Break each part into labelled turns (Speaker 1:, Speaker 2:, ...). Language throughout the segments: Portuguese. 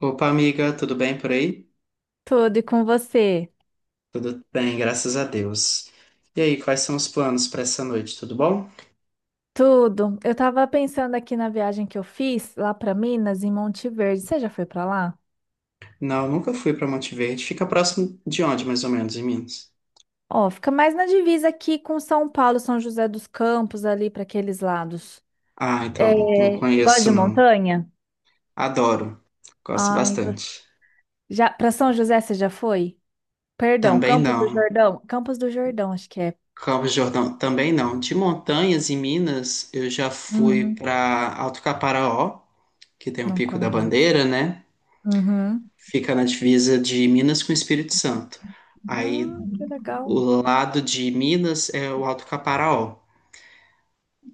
Speaker 1: Opa, amiga, tudo bem por aí?
Speaker 2: Tudo e com você?
Speaker 1: Tudo bem, graças a Deus. E aí, quais são os planos para essa noite? Tudo bom?
Speaker 2: Tudo. Eu tava pensando aqui na viagem que eu fiz lá para Minas, em Monte Verde. Você já foi para lá?
Speaker 1: Não, nunca fui para Monte Verde. Fica próximo de onde, mais ou menos, em Minas?
Speaker 2: Ó, fica mais na divisa aqui com São Paulo, São José dos Campos, ali para aqueles lados.
Speaker 1: Ah,
Speaker 2: É,
Speaker 1: então, não
Speaker 2: gosta
Speaker 1: conheço,
Speaker 2: de
Speaker 1: não.
Speaker 2: montanha?
Speaker 1: Adoro. Gosto
Speaker 2: Ai,
Speaker 1: bastante.
Speaker 2: já para São José você já foi? Perdão,
Speaker 1: Também
Speaker 2: Campos do
Speaker 1: não.
Speaker 2: Jordão? Campos do Jordão, acho que é.
Speaker 1: Campos do Jordão, também não. De montanhas em Minas, eu já fui
Speaker 2: Uhum,
Speaker 1: para Alto Caparaó, que tem o
Speaker 2: não
Speaker 1: Pico da
Speaker 2: conheço.
Speaker 1: Bandeira, né?
Speaker 2: Uhum.
Speaker 1: Fica na divisa de Minas com o Espírito Santo. Aí.
Speaker 2: Ah, que legal.
Speaker 1: O lado de Minas é o Alto Caparaó.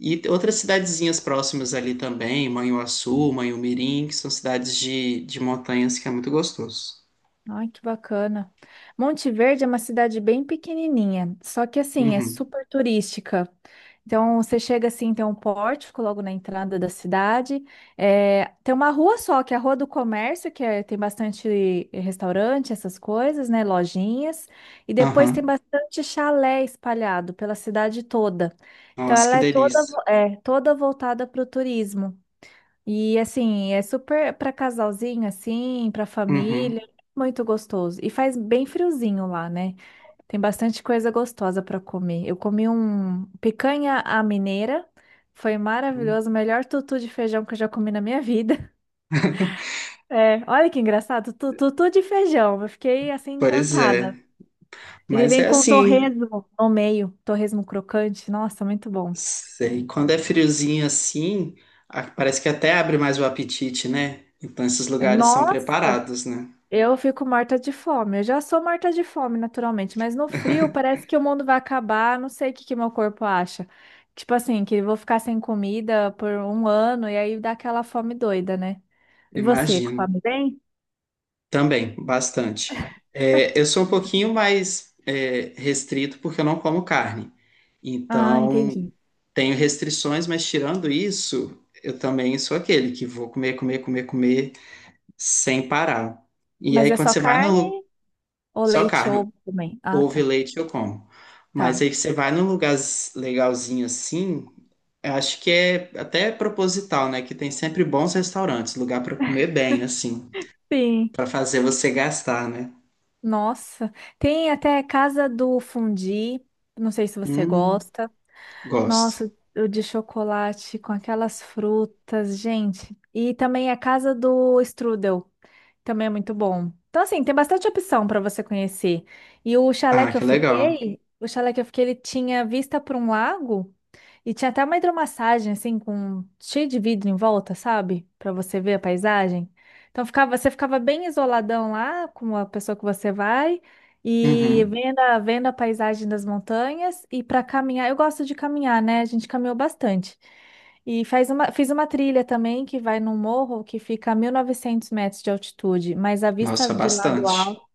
Speaker 1: E outras cidadezinhas próximas ali também, Manhuaçu, Manhumirim, que são cidades de montanhas que é muito gostoso.
Speaker 2: Ai, que bacana. Monte Verde é uma cidade bem pequenininha, só que assim, é
Speaker 1: Uhum.
Speaker 2: super turística. Então, você chega assim, tem um pórtico logo na entrada da cidade. É, tem uma rua só, que é a Rua do Comércio, tem bastante restaurante, essas coisas, né? Lojinhas. E depois tem
Speaker 1: Aham.
Speaker 2: bastante chalé espalhado pela cidade toda. Então,
Speaker 1: Nossa, que
Speaker 2: ela é toda,
Speaker 1: delícia.
Speaker 2: toda voltada para o turismo. E assim, é super para casalzinho assim, para família,
Speaker 1: Uhum.
Speaker 2: muito gostoso. E faz bem friozinho lá, né? Tem bastante coisa gostosa para comer. Eu comi um picanha à mineira, foi maravilhoso, o melhor tutu de feijão que eu já comi na minha vida. É, olha que engraçado, tutu de feijão. Eu fiquei assim
Speaker 1: Pois é.
Speaker 2: encantada. Ele
Speaker 1: Mas
Speaker 2: vem
Speaker 1: é
Speaker 2: com
Speaker 1: assim,
Speaker 2: torresmo no meio, torresmo crocante. Nossa, muito bom.
Speaker 1: sei, quando é friozinho assim, parece que até abre mais o apetite, né? Então esses
Speaker 2: É,
Speaker 1: lugares são
Speaker 2: nossa!
Speaker 1: preparados, né?
Speaker 2: Eu fico morta de fome. Eu já sou morta de fome, naturalmente, mas no frio parece que o mundo vai acabar. Não sei o que que meu corpo acha. Tipo assim, que eu vou ficar sem comida por um ano e aí dá aquela fome doida, né? E você,
Speaker 1: Imagino.
Speaker 2: come bem?
Speaker 1: Também, bastante. É, eu sou um pouquinho mais restrito porque eu não como carne.
Speaker 2: Ah,
Speaker 1: Então,
Speaker 2: entendi.
Speaker 1: tenho restrições, mas tirando isso, eu também sou aquele que vou comer, comer, comer, comer sem parar. E aí,
Speaker 2: Mas é
Speaker 1: quando
Speaker 2: só
Speaker 1: você vai no
Speaker 2: carne
Speaker 1: lu-
Speaker 2: ou
Speaker 1: Só
Speaker 2: leite
Speaker 1: carne,
Speaker 2: ou também? Ah,
Speaker 1: ovo e
Speaker 2: tá.
Speaker 1: leite eu como. Mas
Speaker 2: Tá.
Speaker 1: aí que você vai num lugar legalzinho assim, eu acho que é até proposital, né? Que tem sempre bons restaurantes, lugar para comer bem, assim,
Speaker 2: Sim.
Speaker 1: para fazer você gastar, né?
Speaker 2: Nossa. Tem até casa do fundi. Não sei se você
Speaker 1: Hum.
Speaker 2: gosta.
Speaker 1: Gosto.
Speaker 2: Nossa, o de chocolate com aquelas frutas, gente. E também a casa do strudel, também é muito bom. Então, assim, tem bastante opção para você conhecer. E o chalé
Speaker 1: Ah,
Speaker 2: que eu
Speaker 1: que legal.
Speaker 2: fiquei, o chalé que eu fiquei, ele tinha vista para um lago. E tinha até uma hidromassagem, assim, com cheio de vidro em volta, sabe? Pra você ver a paisagem. Então ficava, você ficava bem isoladão lá com a pessoa que você vai e
Speaker 1: Uhum.
Speaker 2: vendo a paisagem das montanhas e pra caminhar. Eu gosto de caminhar, né? A gente caminhou bastante. E faz uma, fiz uma trilha também que vai num morro que fica a 1.900 metros de altitude, mas a vista
Speaker 1: Nossa,
Speaker 2: de lá do alto.
Speaker 1: bastante.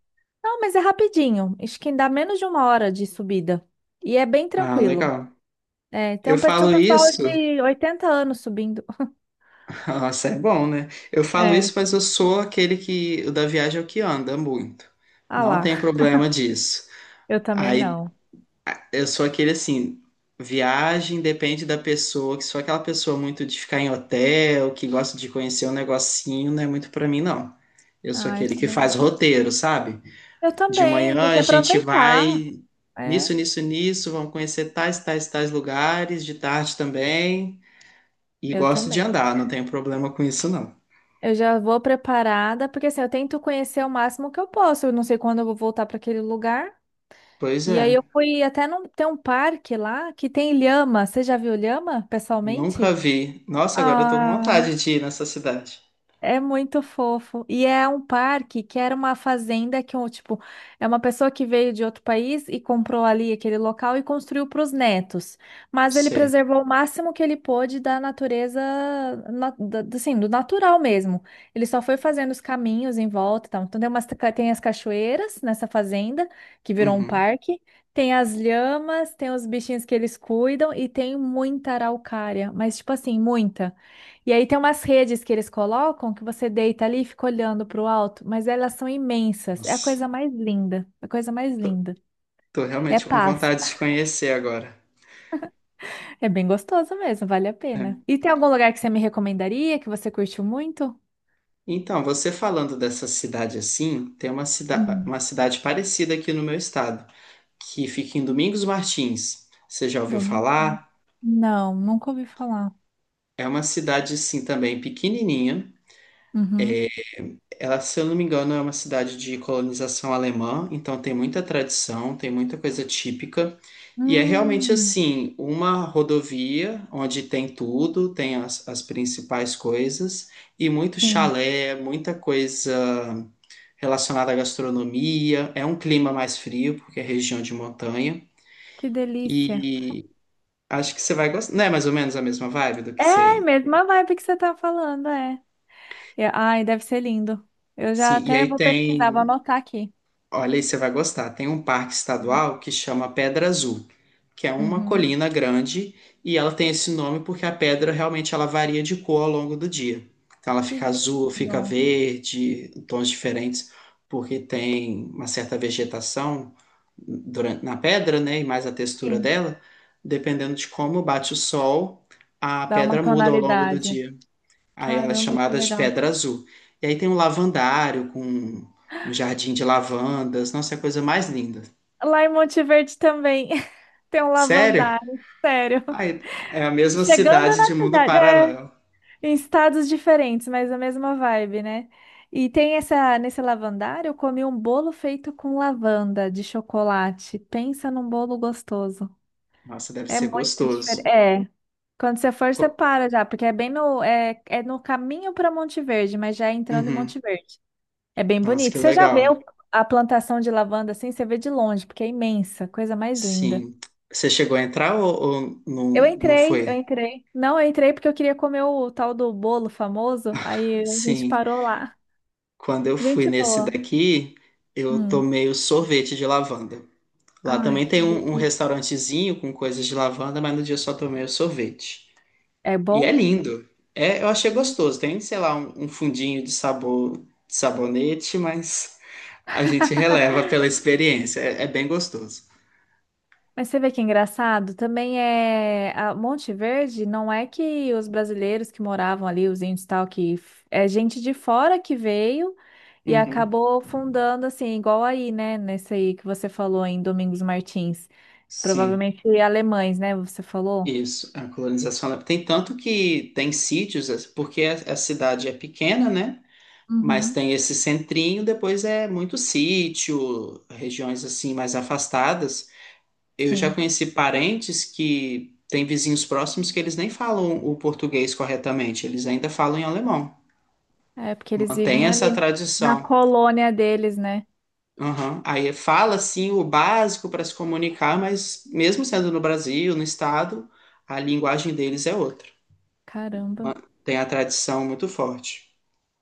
Speaker 2: Não, mas é rapidinho. Acho que dá menos de uma hora de subida. E é bem
Speaker 1: Ah,
Speaker 2: tranquilo.
Speaker 1: legal.
Speaker 2: É,
Speaker 1: Eu
Speaker 2: tinha um
Speaker 1: falo
Speaker 2: pessoal
Speaker 1: isso.
Speaker 2: de 80 anos subindo.
Speaker 1: Nossa, é bom, né? Eu falo isso,
Speaker 2: É,
Speaker 1: mas eu sou aquele que. O da viagem é o que anda muito.
Speaker 2: ah
Speaker 1: Não tem
Speaker 2: lá,
Speaker 1: problema disso.
Speaker 2: eu também
Speaker 1: Aí
Speaker 2: não.
Speaker 1: eu sou aquele assim. Viagem depende da pessoa, que sou aquela pessoa muito de ficar em hotel, que gosta de conhecer um negocinho, não é muito pra mim, não. Eu sou
Speaker 2: Ah, eu
Speaker 1: aquele que
Speaker 2: também
Speaker 1: faz
Speaker 2: não.
Speaker 1: roteiro, sabe?
Speaker 2: Eu
Speaker 1: De
Speaker 2: também,
Speaker 1: manhã
Speaker 2: tem que
Speaker 1: a gente
Speaker 2: aproveitar.
Speaker 1: vai
Speaker 2: É,
Speaker 1: nisso, nisso, nisso, vamos conhecer tais, tais, tais lugares, de tarde também. E
Speaker 2: eu
Speaker 1: gosto de
Speaker 2: também.
Speaker 1: andar, não tenho problema com isso, não.
Speaker 2: Eu já vou preparada, porque assim, eu tento conhecer o máximo que eu posso. Eu não sei quando eu vou voltar para aquele lugar.
Speaker 1: Pois
Speaker 2: E
Speaker 1: é,
Speaker 2: aí eu fui até num, tem um parque lá que tem lhama. Você já viu lhama
Speaker 1: nunca
Speaker 2: pessoalmente?
Speaker 1: vi. Nossa, agora eu tô com
Speaker 2: Ah,
Speaker 1: vontade de ir nessa cidade.
Speaker 2: é muito fofo. E é um parque que era uma fazenda que, um, tipo, é uma pessoa que veio de outro país e comprou ali aquele local e construiu para os netos. Mas ele
Speaker 1: Sei.
Speaker 2: preservou o máximo que ele pôde da natureza, assim, do natural mesmo. Ele só foi fazendo os caminhos em volta e tal. Então tem umas, tem as cachoeiras nessa fazenda, que virou um
Speaker 1: Uhum.
Speaker 2: parque. Tem as lhamas, tem os bichinhos que eles cuidam e tem muita araucária. Mas, tipo assim, muita. E aí tem umas redes que eles colocam que você deita ali e fica olhando pro alto, mas elas são imensas. É a
Speaker 1: Nossa,
Speaker 2: coisa mais linda. É a coisa mais linda.
Speaker 1: tô
Speaker 2: É
Speaker 1: realmente com
Speaker 2: paz.
Speaker 1: vontade de conhecer agora.
Speaker 2: É bem gostoso mesmo, vale a
Speaker 1: É.
Speaker 2: pena. E tem algum lugar que você me recomendaria, que você curtiu muito?
Speaker 1: Então, você falando dessa cidade assim, tem uma, cida uma
Speaker 2: Hum,
Speaker 1: cidade parecida aqui no meu estado, que fica em Domingos Martins. Você já ouviu
Speaker 2: domingo? Né?
Speaker 1: falar?
Speaker 2: Não, nunca ouvi falar.
Speaker 1: É uma cidade, assim, também pequenininha.
Speaker 2: Uhum.
Speaker 1: Ela, se eu não me engano, é uma cidade de colonização alemã, então tem muita tradição, tem muita coisa típica. E é realmente,
Speaker 2: Hum,
Speaker 1: assim, uma rodovia onde tem tudo, tem as principais coisas, e muito
Speaker 2: sim.
Speaker 1: chalé, muita coisa relacionada à gastronomia. É um clima mais frio, porque é região de montanha.
Speaker 2: Que delícia.
Speaker 1: E acho que você vai gostar. Não é mais ou menos a mesma vibe do que
Speaker 2: É,
Speaker 1: você.
Speaker 2: mesma vibe que você tá falando, é. É, ai, deve ser lindo. Eu já
Speaker 1: Sim, e
Speaker 2: até
Speaker 1: aí
Speaker 2: vou pesquisar, vou
Speaker 1: tem.
Speaker 2: anotar aqui.
Speaker 1: Olha aí, você vai gostar. Tem um parque estadual que chama Pedra Azul, que é uma
Speaker 2: Uhum.
Speaker 1: colina grande e ela tem esse nome porque a pedra realmente ela varia de cor ao longo do dia. Então ela
Speaker 2: Que
Speaker 1: fica azul, fica
Speaker 2: lindo.
Speaker 1: verde, tons diferentes, porque tem uma certa vegetação durante, na pedra, né? E mais a textura
Speaker 2: Sim,
Speaker 1: dela, dependendo de como bate o sol, a
Speaker 2: dá uma
Speaker 1: pedra muda ao longo do
Speaker 2: tonalidade.
Speaker 1: dia. Aí ela é
Speaker 2: Caramba, que
Speaker 1: chamada de
Speaker 2: legal.
Speaker 1: Pedra Azul. E aí tem um lavandário com um jardim de lavandas. Nossa, é a coisa mais linda.
Speaker 2: Lá em Monte Verde também tem um
Speaker 1: Sério?
Speaker 2: lavandário, sério.
Speaker 1: Ai, é a mesma
Speaker 2: Chegando
Speaker 1: cidade de
Speaker 2: na
Speaker 1: mundo
Speaker 2: cidade, é,
Speaker 1: paralelo.
Speaker 2: em estados diferentes, mas a mesma vibe, né? E tem essa, nesse lavandário, eu comi um bolo feito com lavanda de chocolate. Pensa num bolo gostoso.
Speaker 1: Nossa, deve
Speaker 2: É
Speaker 1: ser
Speaker 2: muito diferente.
Speaker 1: gostoso.
Speaker 2: É. Quando você for,
Speaker 1: Co-
Speaker 2: você para já, porque é bem no, é no caminho para Monte Verde, mas já é entrando em
Speaker 1: Uhum.
Speaker 2: Monte Verde. É bem
Speaker 1: Nossa, que
Speaker 2: bonito. Você já
Speaker 1: legal.
Speaker 2: a plantação de lavanda assim? Você vê de longe, porque é imensa, coisa mais linda.
Speaker 1: Sim. Você chegou a entrar ou
Speaker 2: Eu
Speaker 1: não, não
Speaker 2: entrei, eu
Speaker 1: foi?
Speaker 2: entrei. Não, eu entrei porque eu queria comer o tal do bolo famoso, aí a gente
Speaker 1: Sim.
Speaker 2: parou lá.
Speaker 1: Quando eu fui
Speaker 2: Gente
Speaker 1: nesse
Speaker 2: boa.
Speaker 1: daqui, eu
Speaker 2: Hum.
Speaker 1: tomei o sorvete de lavanda. Lá
Speaker 2: Ai,
Speaker 1: também tem um
Speaker 2: delícia.
Speaker 1: restaurantezinho com coisas de lavanda, mas no dia eu só tomei o sorvete.
Speaker 2: É
Speaker 1: E é
Speaker 2: bom?
Speaker 1: lindo. É, eu achei gostoso. Tem, sei lá, um fundinho de sabor, de sabonete, mas a gente releva pela experiência. É, é bem gostoso.
Speaker 2: Mas você vê que é engraçado, também é a Monte Verde, não é que os brasileiros que moravam ali, os índios e tal, é gente de fora que veio e
Speaker 1: Uhum.
Speaker 2: acabou fundando assim, igual aí, né, nesse aí que você falou em Domingos Martins,
Speaker 1: Sim,
Speaker 2: provavelmente alemães, né, você falou?
Speaker 1: isso. Tem tanto que tem sítios, porque a cidade é pequena, né? Mas
Speaker 2: Uhum,
Speaker 1: tem esse centrinho, depois é muito sítio, regiões assim mais afastadas. Eu já
Speaker 2: sim.
Speaker 1: conheci parentes que têm vizinhos próximos que eles nem falam o português corretamente, eles ainda falam em alemão.
Speaker 2: É porque eles
Speaker 1: Mantém
Speaker 2: vivem
Speaker 1: essa
Speaker 2: ali na, na
Speaker 1: tradição.
Speaker 2: colônia deles, né?
Speaker 1: Aham. Aí fala sim o básico para se comunicar, mas mesmo sendo no Brasil, no estado, a linguagem deles é outra.
Speaker 2: Caramba.
Speaker 1: Ma- Tem a tradição muito forte.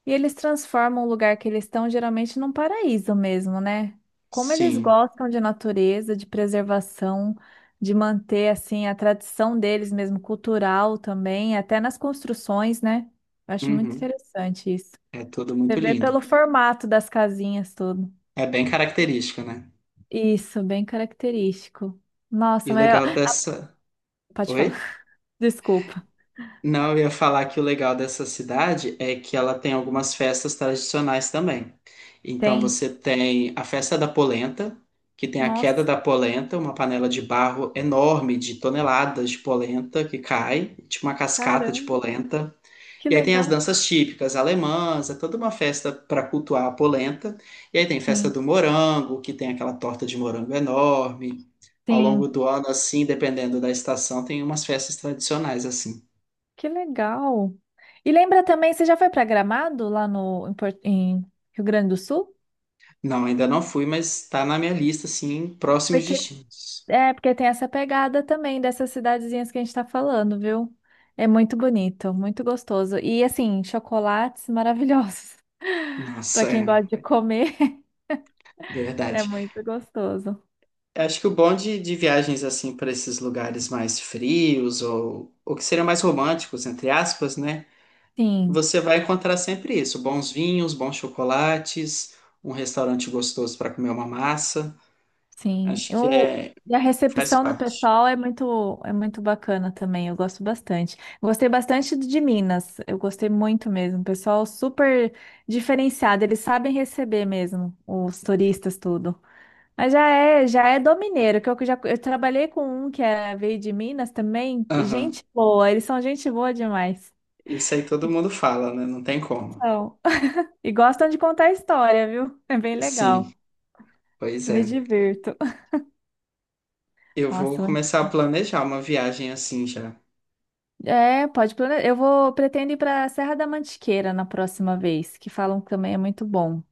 Speaker 2: E eles transformam o lugar que eles estão geralmente num paraíso mesmo, né? Como eles
Speaker 1: Sim.
Speaker 2: gostam de natureza, de preservação, de manter assim a tradição deles mesmo, cultural também, até nas construções, né? Eu acho muito
Speaker 1: Uhum.
Speaker 2: interessante isso.
Speaker 1: É tudo
Speaker 2: Você
Speaker 1: muito
Speaker 2: vê
Speaker 1: lindo.
Speaker 2: pelo formato das casinhas tudo.
Speaker 1: É bem característica, né?
Speaker 2: Isso, bem característico.
Speaker 1: E
Speaker 2: Nossa,
Speaker 1: o
Speaker 2: mas
Speaker 1: legal
Speaker 2: ó,
Speaker 1: dessa.
Speaker 2: pode
Speaker 1: Oi?
Speaker 2: falar. Desculpa.
Speaker 1: Não, eu ia falar que o legal dessa cidade é que ela tem algumas festas tradicionais também. Então
Speaker 2: Tem.
Speaker 1: você tem a festa da polenta, que tem a queda
Speaker 2: Nossa,
Speaker 1: da polenta, uma panela de barro enorme de toneladas de polenta que cai, tipo uma cascata de
Speaker 2: caramba,
Speaker 1: polenta.
Speaker 2: que
Speaker 1: E aí tem as
Speaker 2: legal.
Speaker 1: danças típicas alemãs, é toda uma festa para cultuar a polenta. E aí tem festa
Speaker 2: Sim,
Speaker 1: do morango, que tem aquela torta de morango enorme. Ao longo
Speaker 2: sim.
Speaker 1: do ano, assim, dependendo da estação, tem umas festas tradicionais assim.
Speaker 2: Que legal. E lembra também, você já foi para Gramado lá no em, em Rio Grande do Sul?
Speaker 1: Não, ainda não fui, mas tá na minha lista, assim, próximos
Speaker 2: Porque
Speaker 1: destinos.
Speaker 2: é porque tem essa pegada também dessas cidadezinhas que a gente está falando, viu? É muito bonito, muito gostoso. E assim, chocolates maravilhosos. Para
Speaker 1: Nossa,
Speaker 2: quem
Speaker 1: é
Speaker 2: gosta de comer, é
Speaker 1: verdade.
Speaker 2: muito gostoso.
Speaker 1: Acho que o bom de viagens, assim, para esses lugares mais frios ou que seriam mais românticos, entre aspas, né?
Speaker 2: Sim.
Speaker 1: Você vai encontrar sempre isso: bons vinhos, bons chocolates, um restaurante gostoso para comer uma massa.
Speaker 2: Sim.
Speaker 1: Acho que é,
Speaker 2: E a
Speaker 1: faz
Speaker 2: recepção do
Speaker 1: parte.
Speaker 2: pessoal é muito, bacana também. Eu gosto bastante. Gostei bastante de Minas. Eu gostei muito mesmo. Pessoal super diferenciado. Eles sabem receber mesmo os turistas, tudo. Mas já é do mineiro, que eu já eu trabalhei com um que é, veio de Minas também.
Speaker 1: Aham.
Speaker 2: Gente boa, eles são gente boa demais.
Speaker 1: Isso aí todo mundo fala, né? Não tem como.
Speaker 2: São. E gostam de contar história, viu? É bem
Speaker 1: Sim,
Speaker 2: legal.
Speaker 1: pois
Speaker 2: Eu me
Speaker 1: é.
Speaker 2: divirto.
Speaker 1: Eu vou
Speaker 2: Nossa,
Speaker 1: começar a planejar uma viagem assim já.
Speaker 2: é, pode planejar. Eu vou pretendo ir para Serra da Mantiqueira na próxima vez, que falam que também é muito bom.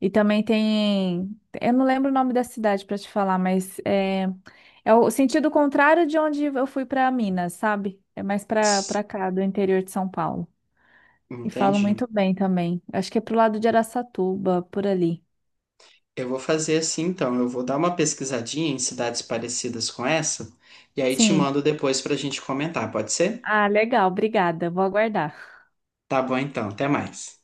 Speaker 2: E também tem, eu não lembro o nome da cidade para te falar, mas é, é o sentido contrário de onde eu fui para Minas, sabe? É mais para cá, do interior de São Paulo. E falam
Speaker 1: Entendi.
Speaker 2: muito bem também. Acho que é pro lado de Araçatuba, por ali.
Speaker 1: Eu vou fazer assim então. Eu vou dar uma pesquisadinha em cidades parecidas com essa e aí te
Speaker 2: Sim.
Speaker 1: mando depois para a gente comentar, pode ser?
Speaker 2: Ah, legal, obrigada. Vou aguardar.
Speaker 1: Tá bom então, até mais.